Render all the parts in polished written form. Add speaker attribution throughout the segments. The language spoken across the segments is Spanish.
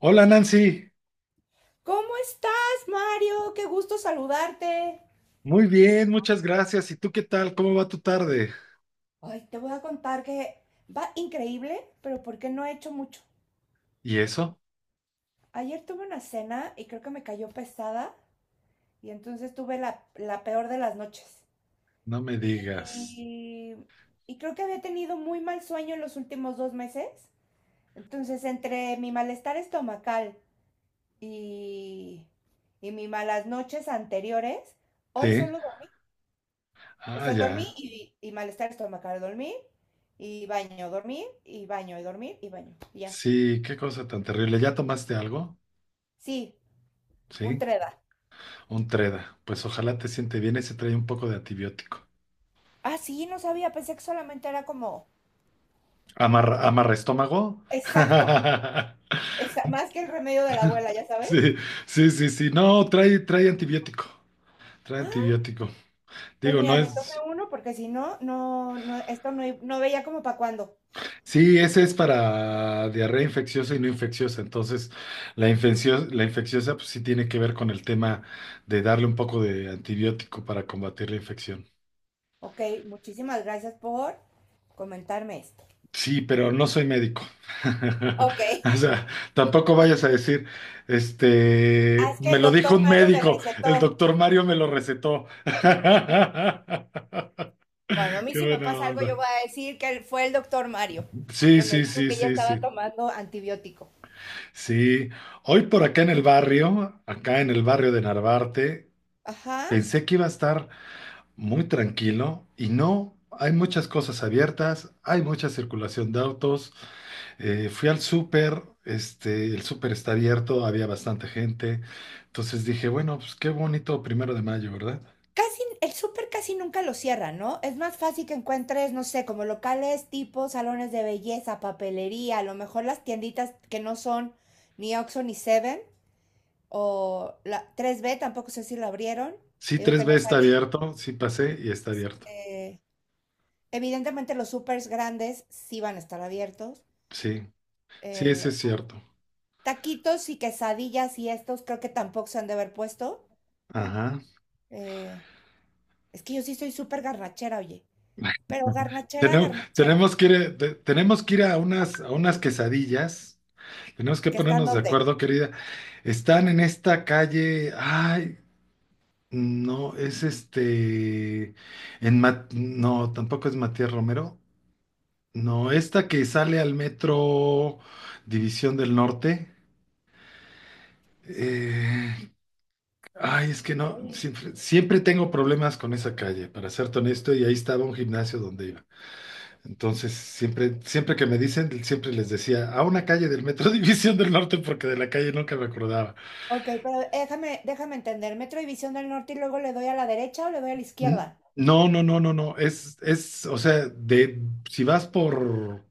Speaker 1: Hola Nancy,
Speaker 2: ¿Cómo estás, Mario? Qué gusto saludarte.
Speaker 1: muy bien, muchas gracias. ¿Y tú qué tal? ¿Cómo va tu tarde?
Speaker 2: Ay, te voy a contar que va increíble, pero porque no he hecho mucho.
Speaker 1: ¿Y eso?
Speaker 2: Ayer tuve una cena y creo que me cayó pesada y entonces tuve la peor de las noches.
Speaker 1: No me digas.
Speaker 2: Y, y creo que había tenido muy mal sueño en los últimos 2 meses. Entonces, entre mi malestar estomacal y, y mis malas noches anteriores, hoy
Speaker 1: Sí,
Speaker 2: solo dormí. O
Speaker 1: ah,
Speaker 2: sea,
Speaker 1: ya.
Speaker 2: dormí y malestar estomacal, dormí y baño, y dormir y baño, y ya.
Speaker 1: Sí, qué cosa tan terrible. ¿Ya tomaste algo?
Speaker 2: Sí, un
Speaker 1: Sí,
Speaker 2: treda.
Speaker 1: un treda. Pues ojalá te siente bien, ese trae un poco de antibiótico.
Speaker 2: Ah, sí, no sabía, pensé que solamente era como.
Speaker 1: ¿Amarra, amarra estómago?
Speaker 2: Exacto, más que el remedio de la abuela, ¿ya sabes?
Speaker 1: Sí, sí, sí, sí. No, trae antibiótico. Trae
Speaker 2: Ah,
Speaker 1: antibiótico.
Speaker 2: pues
Speaker 1: Digo, no
Speaker 2: mira, me tomé
Speaker 1: es.
Speaker 2: uno porque si no, no, no, esto no, no veía como para cuándo.
Speaker 1: Sí, ese es para diarrea infecciosa y no infecciosa. Entonces, la infecciosa pues sí tiene que ver con el tema de darle un poco de antibiótico para combatir la infección.
Speaker 2: Ok, muchísimas gracias por comentarme esto.
Speaker 1: Sí, pero no soy médico.
Speaker 2: Ok,
Speaker 1: O sea, tampoco vayas a decir,
Speaker 2: ah, es que
Speaker 1: me
Speaker 2: el
Speaker 1: lo dijo
Speaker 2: doctor
Speaker 1: un
Speaker 2: Mario me
Speaker 1: médico, el
Speaker 2: recetó.
Speaker 1: doctor Mario me lo recetó.
Speaker 2: Bueno, a mí
Speaker 1: Qué
Speaker 2: si me
Speaker 1: buena
Speaker 2: pasa algo, yo
Speaker 1: onda.
Speaker 2: voy a decir que fue el doctor Mario,
Speaker 1: Sí,
Speaker 2: que me
Speaker 1: sí,
Speaker 2: dijo
Speaker 1: sí,
Speaker 2: que ella
Speaker 1: sí,
Speaker 2: estaba
Speaker 1: sí.
Speaker 2: tomando antibiótico.
Speaker 1: Sí, hoy por acá en el barrio, acá en el barrio de Narvarte,
Speaker 2: Ajá.
Speaker 1: pensé que iba a estar muy tranquilo y no, hay muchas cosas abiertas, hay mucha circulación de autos. Fui al súper, el súper está abierto, había bastante gente. Entonces dije, bueno, pues qué bonito primero de mayo, ¿verdad?
Speaker 2: Casi, el súper casi nunca lo cierra, ¿no? Es más fácil que encuentres, no sé, como locales tipo salones de belleza, papelería, a lo mejor las tienditas que no son ni Oxxo ni Seven, o la tres b tampoco sé si lo abrieron,
Speaker 1: Sí,
Speaker 2: te digo
Speaker 1: tres
Speaker 2: que
Speaker 1: b
Speaker 2: no
Speaker 1: está
Speaker 2: salí.
Speaker 1: abierto, sí pasé y está abierto.
Speaker 2: Eh, evidentemente los supers grandes sí van a estar abiertos.
Speaker 1: Sí, sí, eso
Speaker 2: Eh,
Speaker 1: es cierto.
Speaker 2: taquitos y quesadillas y estos creo que tampoco se han de haber puesto.
Speaker 1: Ajá.
Speaker 2: Eh, es que yo sí soy súper garnachera, oye. Pero garnachera,
Speaker 1: Tenemos,
Speaker 2: garnachera,
Speaker 1: tenemos que ir, tenemos que ir a a unas quesadillas. Tenemos que
Speaker 2: que están
Speaker 1: ponernos de
Speaker 2: donde.
Speaker 1: acuerdo, querida. Están en esta calle. Ay, no, es este. No, tampoco es Matías Romero. No, esta que sale al metro División del Norte. Eh, Ay, es que no. Siempre tengo problemas con esa calle, para serte honesto, y ahí estaba un gimnasio donde iba. Entonces, siempre que me dicen, siempre les decía, a una calle del metro División del Norte, porque de la calle nunca me acordaba.
Speaker 2: Ok, pero déjame entender. Metro División del Norte y luego le doy a la derecha o le doy a la
Speaker 1: N-
Speaker 2: izquierda.
Speaker 1: No, no, no, no, no. O sea, de si vas por.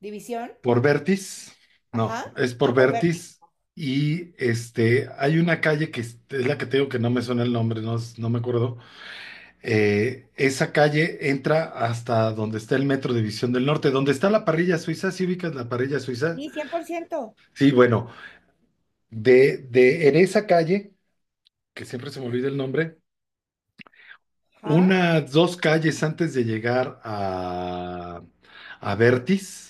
Speaker 2: División,
Speaker 1: Por Vertis, no,
Speaker 2: ajá,
Speaker 1: es por
Speaker 2: a por Berti.
Speaker 1: Vertis y hay una calle que es la que tengo que no me suena el nombre, no me acuerdo. Esa calle entra hasta donde está el Metro División del Norte, donde está la parrilla suiza, ¿sí ubicas la parrilla suiza?
Speaker 2: Sí, 100%.
Speaker 1: Sí, bueno, de en esa calle, que siempre se me olvida el nombre,
Speaker 2: Ajá.
Speaker 1: unas dos calles antes de llegar a Vertis.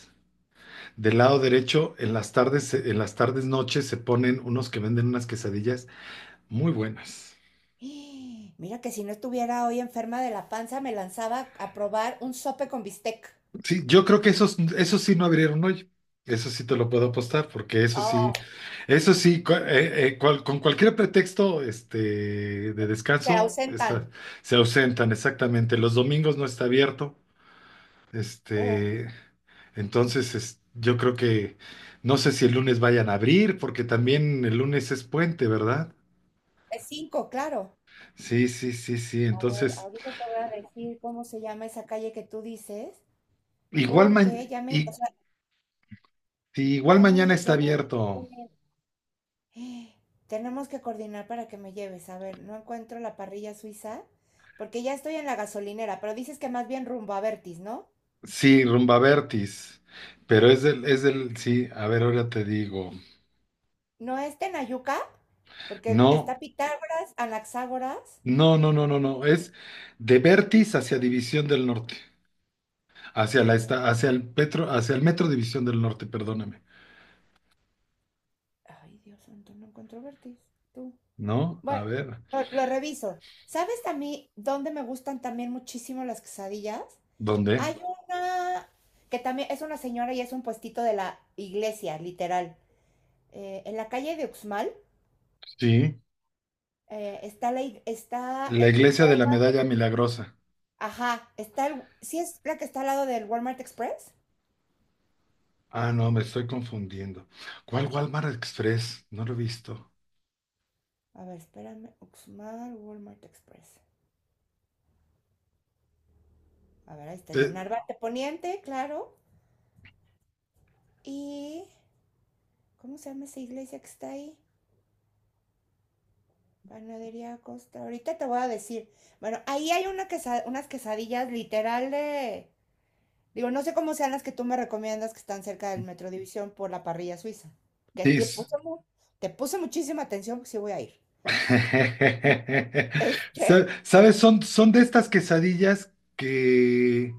Speaker 1: Del lado derecho, en las tardes noches se ponen unos que venden unas quesadillas muy buenas.
Speaker 2: Mira que si no estuviera hoy enferma de la panza, me lanzaba a probar un sope con bistec.
Speaker 1: Sí, yo creo que esos sí no abrieron hoy. Eso sí te lo puedo apostar, porque
Speaker 2: Oh,
Speaker 1: eso sí, con cualquier pretexto de
Speaker 2: se
Speaker 1: descanso, está,
Speaker 2: ausentan.
Speaker 1: se ausentan exactamente. Los domingos no está abierto.
Speaker 2: Oh,
Speaker 1: Este, entonces, yo creo que no sé si el lunes vayan a abrir, porque también el lunes es puente, ¿verdad?
Speaker 2: es cinco, claro.
Speaker 1: Sí, sí, sí, sí. Entonces,
Speaker 2: Ahorita te voy a decir cómo se llama esa calle que tú dices,
Speaker 1: igual,
Speaker 2: porque ya me, o
Speaker 1: y,
Speaker 2: sea,
Speaker 1: sí, igual
Speaker 2: ya me,
Speaker 1: mañana está
Speaker 2: ya me
Speaker 1: abierto.
Speaker 2: diste- Tenemos que coordinar para que me lleves. A ver, no encuentro la parrilla suiza, porque ya estoy en la gasolinera, pero dices que más bien rumbo a Vertis, ¿no?
Speaker 1: Sí, Rumba Vertis. Pero sí, a ver, ahora te digo.
Speaker 2: ¿No es Tenayuca? Porque
Speaker 1: No,
Speaker 2: está Pitágoras, Anaxágoras.
Speaker 1: no, no, no, no, no. Es de Vertis hacia División del Norte. Hacia
Speaker 2: De
Speaker 1: la
Speaker 2: ver...
Speaker 1: esta, hacia el Petro, hacia el Metro División del Norte, perdóname.
Speaker 2: Ay, Dios santo, no encuentro Vertis. Tú.
Speaker 1: ¿No? A
Speaker 2: Bueno,
Speaker 1: ver.
Speaker 2: lo reviso. ¿Sabes a mí dónde me gustan también muchísimo las quesadillas?
Speaker 1: ¿Dónde?
Speaker 2: Hay una que también es una señora y es un puestito de la iglesia, literal. En la calle de Uxmal
Speaker 1: Sí.
Speaker 2: está, está
Speaker 1: La
Speaker 2: el
Speaker 1: iglesia de la
Speaker 2: Walmart.
Speaker 1: Medalla Milagrosa.
Speaker 2: Ajá, está el. ¿Sí es la que está al lado del Walmart Express?
Speaker 1: Ah, no, me estoy confundiendo. ¿Cuál Walmart Express? No lo he visto.
Speaker 2: A ver, espérame. Uxmal, Walmart Express. A ver, ahí está, es de
Speaker 1: Eh,
Speaker 2: Narvarte Poniente, claro. Y. ¿Cómo se llama esa iglesia que está ahí? Panadería Costa. Ahorita te voy a decir. Bueno, ahí hay una unas quesadillas literal de. Digo, no sé cómo sean las que tú me recomiendas que están cerca del Metro División por la parrilla suiza, que te
Speaker 1: Sí,
Speaker 2: puse, te puse muchísima atención, porque sí voy a ir. Este,
Speaker 1: ¿Sabes? Son, son de estas quesadillas que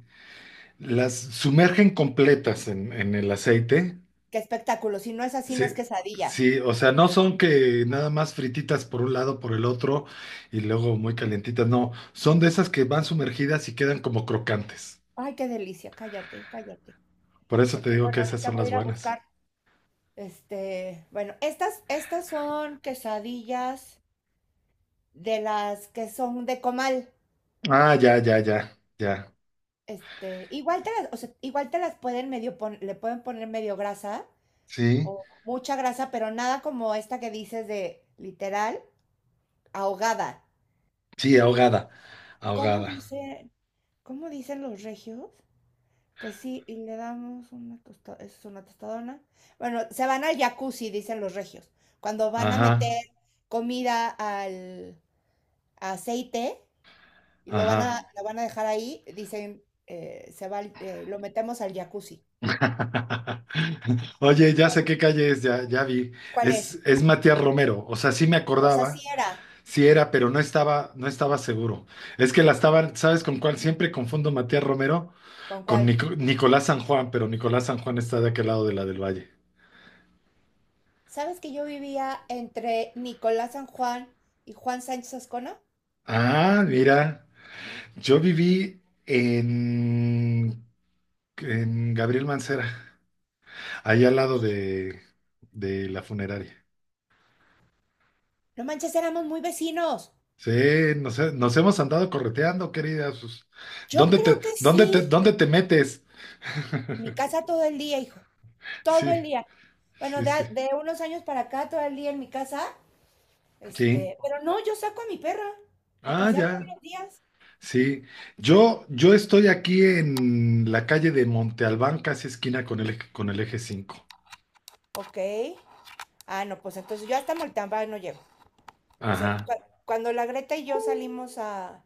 Speaker 1: las sumergen completas en el aceite.
Speaker 2: qué espectáculo, si no es así,
Speaker 1: Sí,
Speaker 2: no es quesadilla.
Speaker 1: sí, o sea, no son que nada más frititas por un lado, por el otro y luego muy calientitas. No, son de esas que van sumergidas y quedan como crocantes.
Speaker 2: Ay, qué delicia, cállate, cállate.
Speaker 1: Por eso te
Speaker 2: Porque,
Speaker 1: digo que
Speaker 2: bueno,
Speaker 1: esas
Speaker 2: ahorita
Speaker 1: son
Speaker 2: voy a
Speaker 1: las
Speaker 2: ir a
Speaker 1: buenas.
Speaker 2: buscar. Bueno, estas son quesadillas de las que son de comal.
Speaker 1: Ah, ya, ya, ya, ya.
Speaker 2: Igual te las, o sea, igual te las pueden le pueden poner medio grasa
Speaker 1: Sí,
Speaker 2: o mucha grasa, pero nada como esta que dices de literal ahogada.
Speaker 1: sí, ahogada,
Speaker 2: ¿Cómo
Speaker 1: ahogada.
Speaker 2: dicen, cómo dicen los regios? Pues sí, y le damos una tostadona. Es una tostadona. Bueno, se van al jacuzzi, dicen los regios. Cuando van a
Speaker 1: Ajá,
Speaker 2: meter comida al aceite y
Speaker 1: ajá.
Speaker 2: lo van a dejar ahí, dicen, se va, lo metemos al jacuzzi.
Speaker 1: Oye, ya sé qué calle es, ya, ya vi.
Speaker 2: ¿Cuál es?
Speaker 1: Es Matías Romero. O sea, sí me
Speaker 2: O sea, sí
Speaker 1: acordaba,
Speaker 2: era.
Speaker 1: sí era, pero no estaba seguro. Es que la estaban, ¿sabes con cuál? Siempre confundo Matías Romero
Speaker 2: ¿Con
Speaker 1: con
Speaker 2: cuál?
Speaker 1: Nicolás San Juan, pero Nicolás San Juan está de aquel lado de la del Valle.
Speaker 2: ¿Sabes que yo vivía entre Nicolás San Juan y Juan Sánchez Ascona?
Speaker 1: Ah, mira, yo viví en Gabriel Mancera, ahí al lado de la funeraria.
Speaker 2: No manches, éramos muy vecinos.
Speaker 1: Sí, nos hemos andado correteando, querida. Pues,
Speaker 2: Yo
Speaker 1: ¿dónde
Speaker 2: creo
Speaker 1: te,
Speaker 2: que
Speaker 1: dónde te,
Speaker 2: sí.
Speaker 1: dónde te metes?
Speaker 2: En mi casa todo el día, hijo. Todo el
Speaker 1: Sí,
Speaker 2: día. Bueno,
Speaker 1: sí, sí.
Speaker 2: de unos años para acá, todo el día en mi casa.
Speaker 1: Sí.
Speaker 2: Pero no, yo saco a mi perra a
Speaker 1: Ah,
Speaker 2: pasear todos
Speaker 1: ya.
Speaker 2: los días.
Speaker 1: Sí. Yo estoy aquí en la calle de Monte Albán, casi esquina con el, con el eje 5.
Speaker 2: Ok. Ah, no, pues entonces yo hasta Moltamba no llego. O sea,
Speaker 1: Ajá.
Speaker 2: cuando la Greta y yo salimos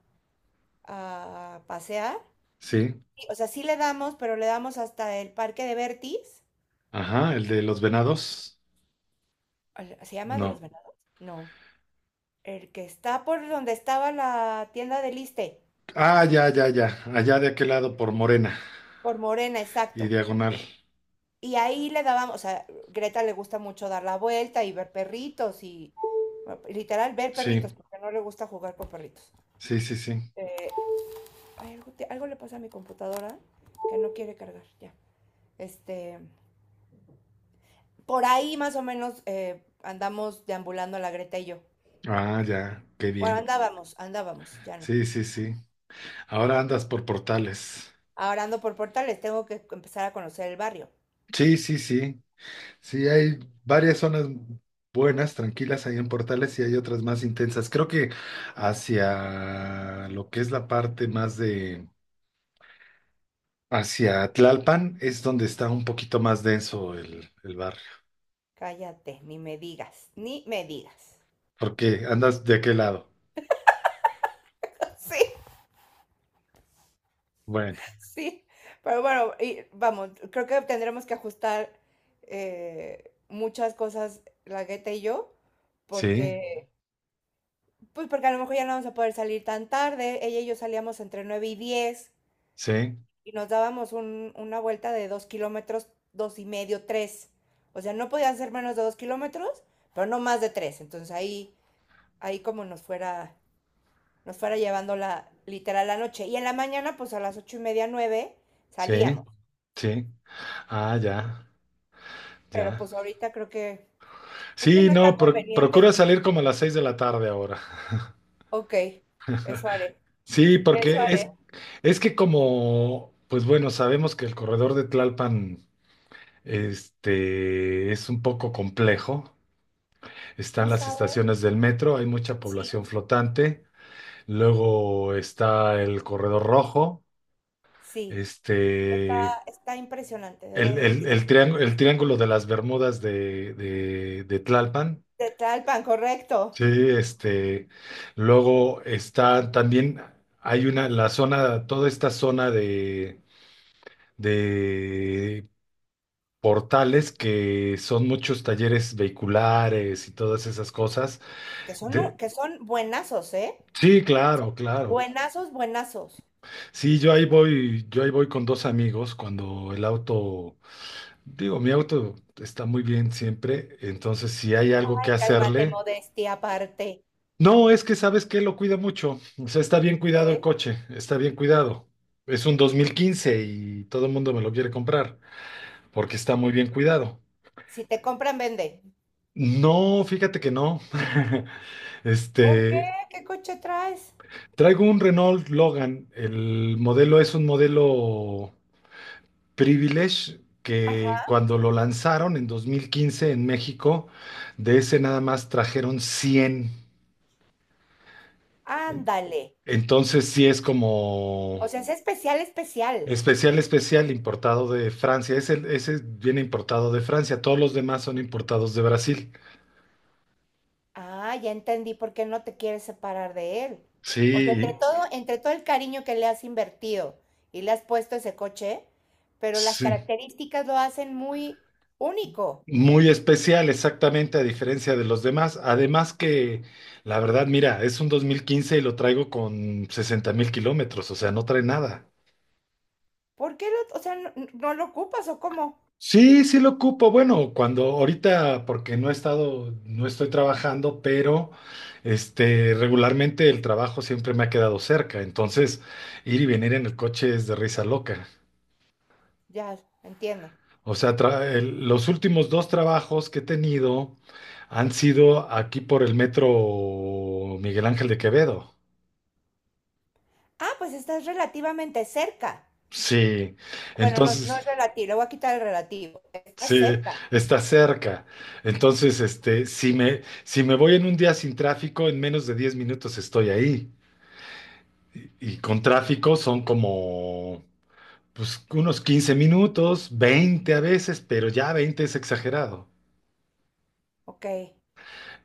Speaker 2: a pasear,
Speaker 1: Sí.
Speaker 2: sí, o sea, sí le damos, pero le damos hasta el parque de Bertis
Speaker 1: Ajá, el de los venados.
Speaker 2: ¿Se llama de los
Speaker 1: No.
Speaker 2: venados? No. El que está por donde estaba la tienda del Iste,
Speaker 1: Ah, ya, ya, ya. Allá de aquel lado por Morena
Speaker 2: por Morena, exacto.
Speaker 1: y diagonal.
Speaker 2: Y ahí le dábamos, o sea, Greta le gusta mucho dar la vuelta y ver perritos y bueno, literal ver
Speaker 1: Sí,
Speaker 2: perritos, porque no le gusta jugar con perritos.
Speaker 1: sí, sí, sí.
Speaker 2: Eh, ay, algo, algo le pasa a mi computadora que no quiere cargar, ya. Este, por ahí más o menos andamos deambulando la Greta y yo.
Speaker 1: Ah, ya. Qué
Speaker 2: Bueno,
Speaker 1: bien.
Speaker 2: andábamos, andábamos, ya no.
Speaker 1: Sí, sí, sí. Ahora andas por portales.
Speaker 2: Ahora ando por portales, tengo que empezar a conocer el barrio.
Speaker 1: Sí, sí, sí. Sí, hay varias zonas buenas, tranquilas ahí en Portales y hay otras más intensas. Creo que hacia lo que es la parte más de, hacia Tlalpan es donde está un poquito más denso el barrio.
Speaker 2: Cállate, ni me digas, ni me digas.
Speaker 1: ¿Porque andas de qué lado?
Speaker 2: Sí,
Speaker 1: Bueno,
Speaker 2: sí. Pero bueno, y vamos, creo que tendremos que ajustar muchas cosas, la Gueta y yo,
Speaker 1: sí,
Speaker 2: porque, pues porque a lo mejor ya no vamos a poder salir tan tarde. Ella y yo salíamos entre 9 y 10
Speaker 1: sí,
Speaker 2: y nos dábamos una vuelta de 2 kilómetros, 2 y medio, 3. O sea, no podían ser menos de 2 kilómetros, pero no más de 3. Entonces ahí como nos fuera llevando la, literal la noche. Y en la mañana, pues a las 8:30, nueve, salíamos.
Speaker 1: sí, sí. Ah, ya,
Speaker 2: Pero
Speaker 1: ya.
Speaker 2: pues ahorita creo que,
Speaker 1: Sí,
Speaker 2: no es
Speaker 1: no,
Speaker 2: tan
Speaker 1: procura
Speaker 2: conveniente.
Speaker 1: salir como a las 6 de la tarde ahora.
Speaker 2: Ok, eso haré,
Speaker 1: Sí,
Speaker 2: eso
Speaker 1: porque
Speaker 2: haré.
Speaker 1: es que como, pues bueno, sabemos que el corredor de Tlalpan es un poco complejo.
Speaker 2: ¿No
Speaker 1: Están las
Speaker 2: sabe?
Speaker 1: estaciones del metro, hay mucha
Speaker 2: Sí,
Speaker 1: población flotante. Luego está el corredor rojo,
Speaker 2: sí.
Speaker 1: este,
Speaker 2: Está impresionante, de verdad no sabe.
Speaker 1: triángulo el triángulo de las Bermudas de Tlalpan.
Speaker 2: De Tlalpan, correcto.
Speaker 1: Sí, luego está también, hay una, la zona, toda esta zona de portales que son muchos talleres vehiculares y todas esas cosas.
Speaker 2: Que son,
Speaker 1: De-
Speaker 2: que son buenazos, ¿eh?
Speaker 1: sí,
Speaker 2: O
Speaker 1: claro,
Speaker 2: sea,
Speaker 1: claro.
Speaker 2: buenazos, buenazos.
Speaker 1: Sí, yo ahí voy con dos amigos cuando el auto, digo, mi auto está muy bien siempre, entonces si hay algo
Speaker 2: Ay,
Speaker 1: que
Speaker 2: cálmate,
Speaker 1: hacerle.
Speaker 2: modestia aparte.
Speaker 1: No, es que sabes que lo cuida mucho. O sea, está bien cuidado el
Speaker 2: ¿Ok?
Speaker 1: coche, está bien cuidado. Es un 2015 y todo el mundo me lo quiere comprar porque está muy bien cuidado.
Speaker 2: Si te compran, vende.
Speaker 1: No, fíjate que no.
Speaker 2: ¿Por qué?
Speaker 1: Este,
Speaker 2: ¿Qué coche traes?
Speaker 1: traigo un Renault Logan. El modelo es un modelo Privilege que
Speaker 2: Ajá,
Speaker 1: cuando lo lanzaron en 2015 en México, de ese nada más trajeron 100.
Speaker 2: ándale.
Speaker 1: Entonces sí es como
Speaker 2: O sea, es especial, especial.
Speaker 1: especial, especial, importado de Francia. Ese viene importado de Francia. Todos los demás son importados de Brasil.
Speaker 2: Ah, ya entendí por qué no te quieres separar de él. O sea,
Speaker 1: Sí,
Speaker 2: entre todo el cariño que le has invertido y le has puesto ese coche, pero las
Speaker 1: sí.
Speaker 2: características lo hacen muy único.
Speaker 1: Muy especial, exactamente, a diferencia de los demás. Además que, la verdad, mira, es un 2015 y lo traigo con 60.000 kilómetros, o sea, no trae nada.
Speaker 2: ¿Por qué lo, o sea, no, no lo ocupas o cómo?
Speaker 1: Sí, sí lo ocupo. Bueno, cuando ahorita, porque no he estado, no estoy trabajando, pero regularmente el trabajo siempre me ha quedado cerca. Entonces, ir y venir en el coche es de risa loca.
Speaker 2: Ya, entiendo.
Speaker 1: O sea, los últimos dos trabajos que he tenido han sido aquí por el metro Miguel Ángel de Quevedo.
Speaker 2: Ah, pues estás relativamente cerca.
Speaker 1: Sí,
Speaker 2: Bueno, no, no
Speaker 1: entonces,
Speaker 2: es relativo, le voy a quitar el relativo.
Speaker 1: sí,
Speaker 2: Estás cerca.
Speaker 1: está cerca. Entonces, si me voy en un día sin tráfico, en menos de 10 minutos estoy ahí. Y con tráfico son como, pues, unos 15 minutos, 20 a veces, pero ya 20 es exagerado.
Speaker 2: Ok,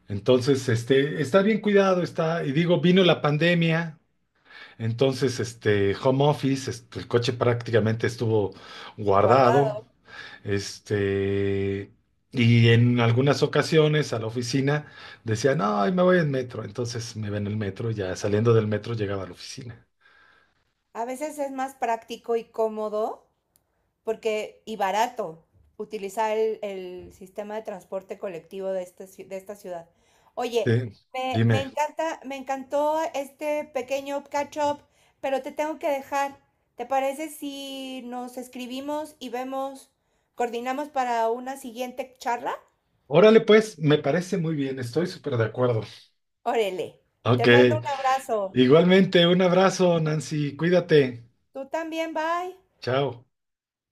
Speaker 1: Entonces, está bien cuidado, está, y digo, vino la pandemia. Entonces, home office, el coche prácticamente estuvo guardado,
Speaker 2: guardado.
Speaker 1: este, y en algunas ocasiones a la oficina decía, no, hoy me voy en metro. Entonces me iba en el metro, y ya saliendo del metro llegaba a la oficina.
Speaker 2: A veces es más práctico y cómodo porque y barato utilizar el sistema de transporte colectivo de, de esta ciudad. Oye,
Speaker 1: Sí,
Speaker 2: me
Speaker 1: dime.
Speaker 2: encanta, me encantó este pequeño catch up, pero te tengo que dejar. ¿Te parece si nos escribimos y vemos, coordinamos para una siguiente charla?
Speaker 1: Órale, pues, me parece muy bien, estoy súper de acuerdo.
Speaker 2: Órale, te
Speaker 1: Ok,
Speaker 2: mando un abrazo.
Speaker 1: igualmente, un abrazo, Nancy, cuídate.
Speaker 2: Tú también, bye.
Speaker 1: Chao.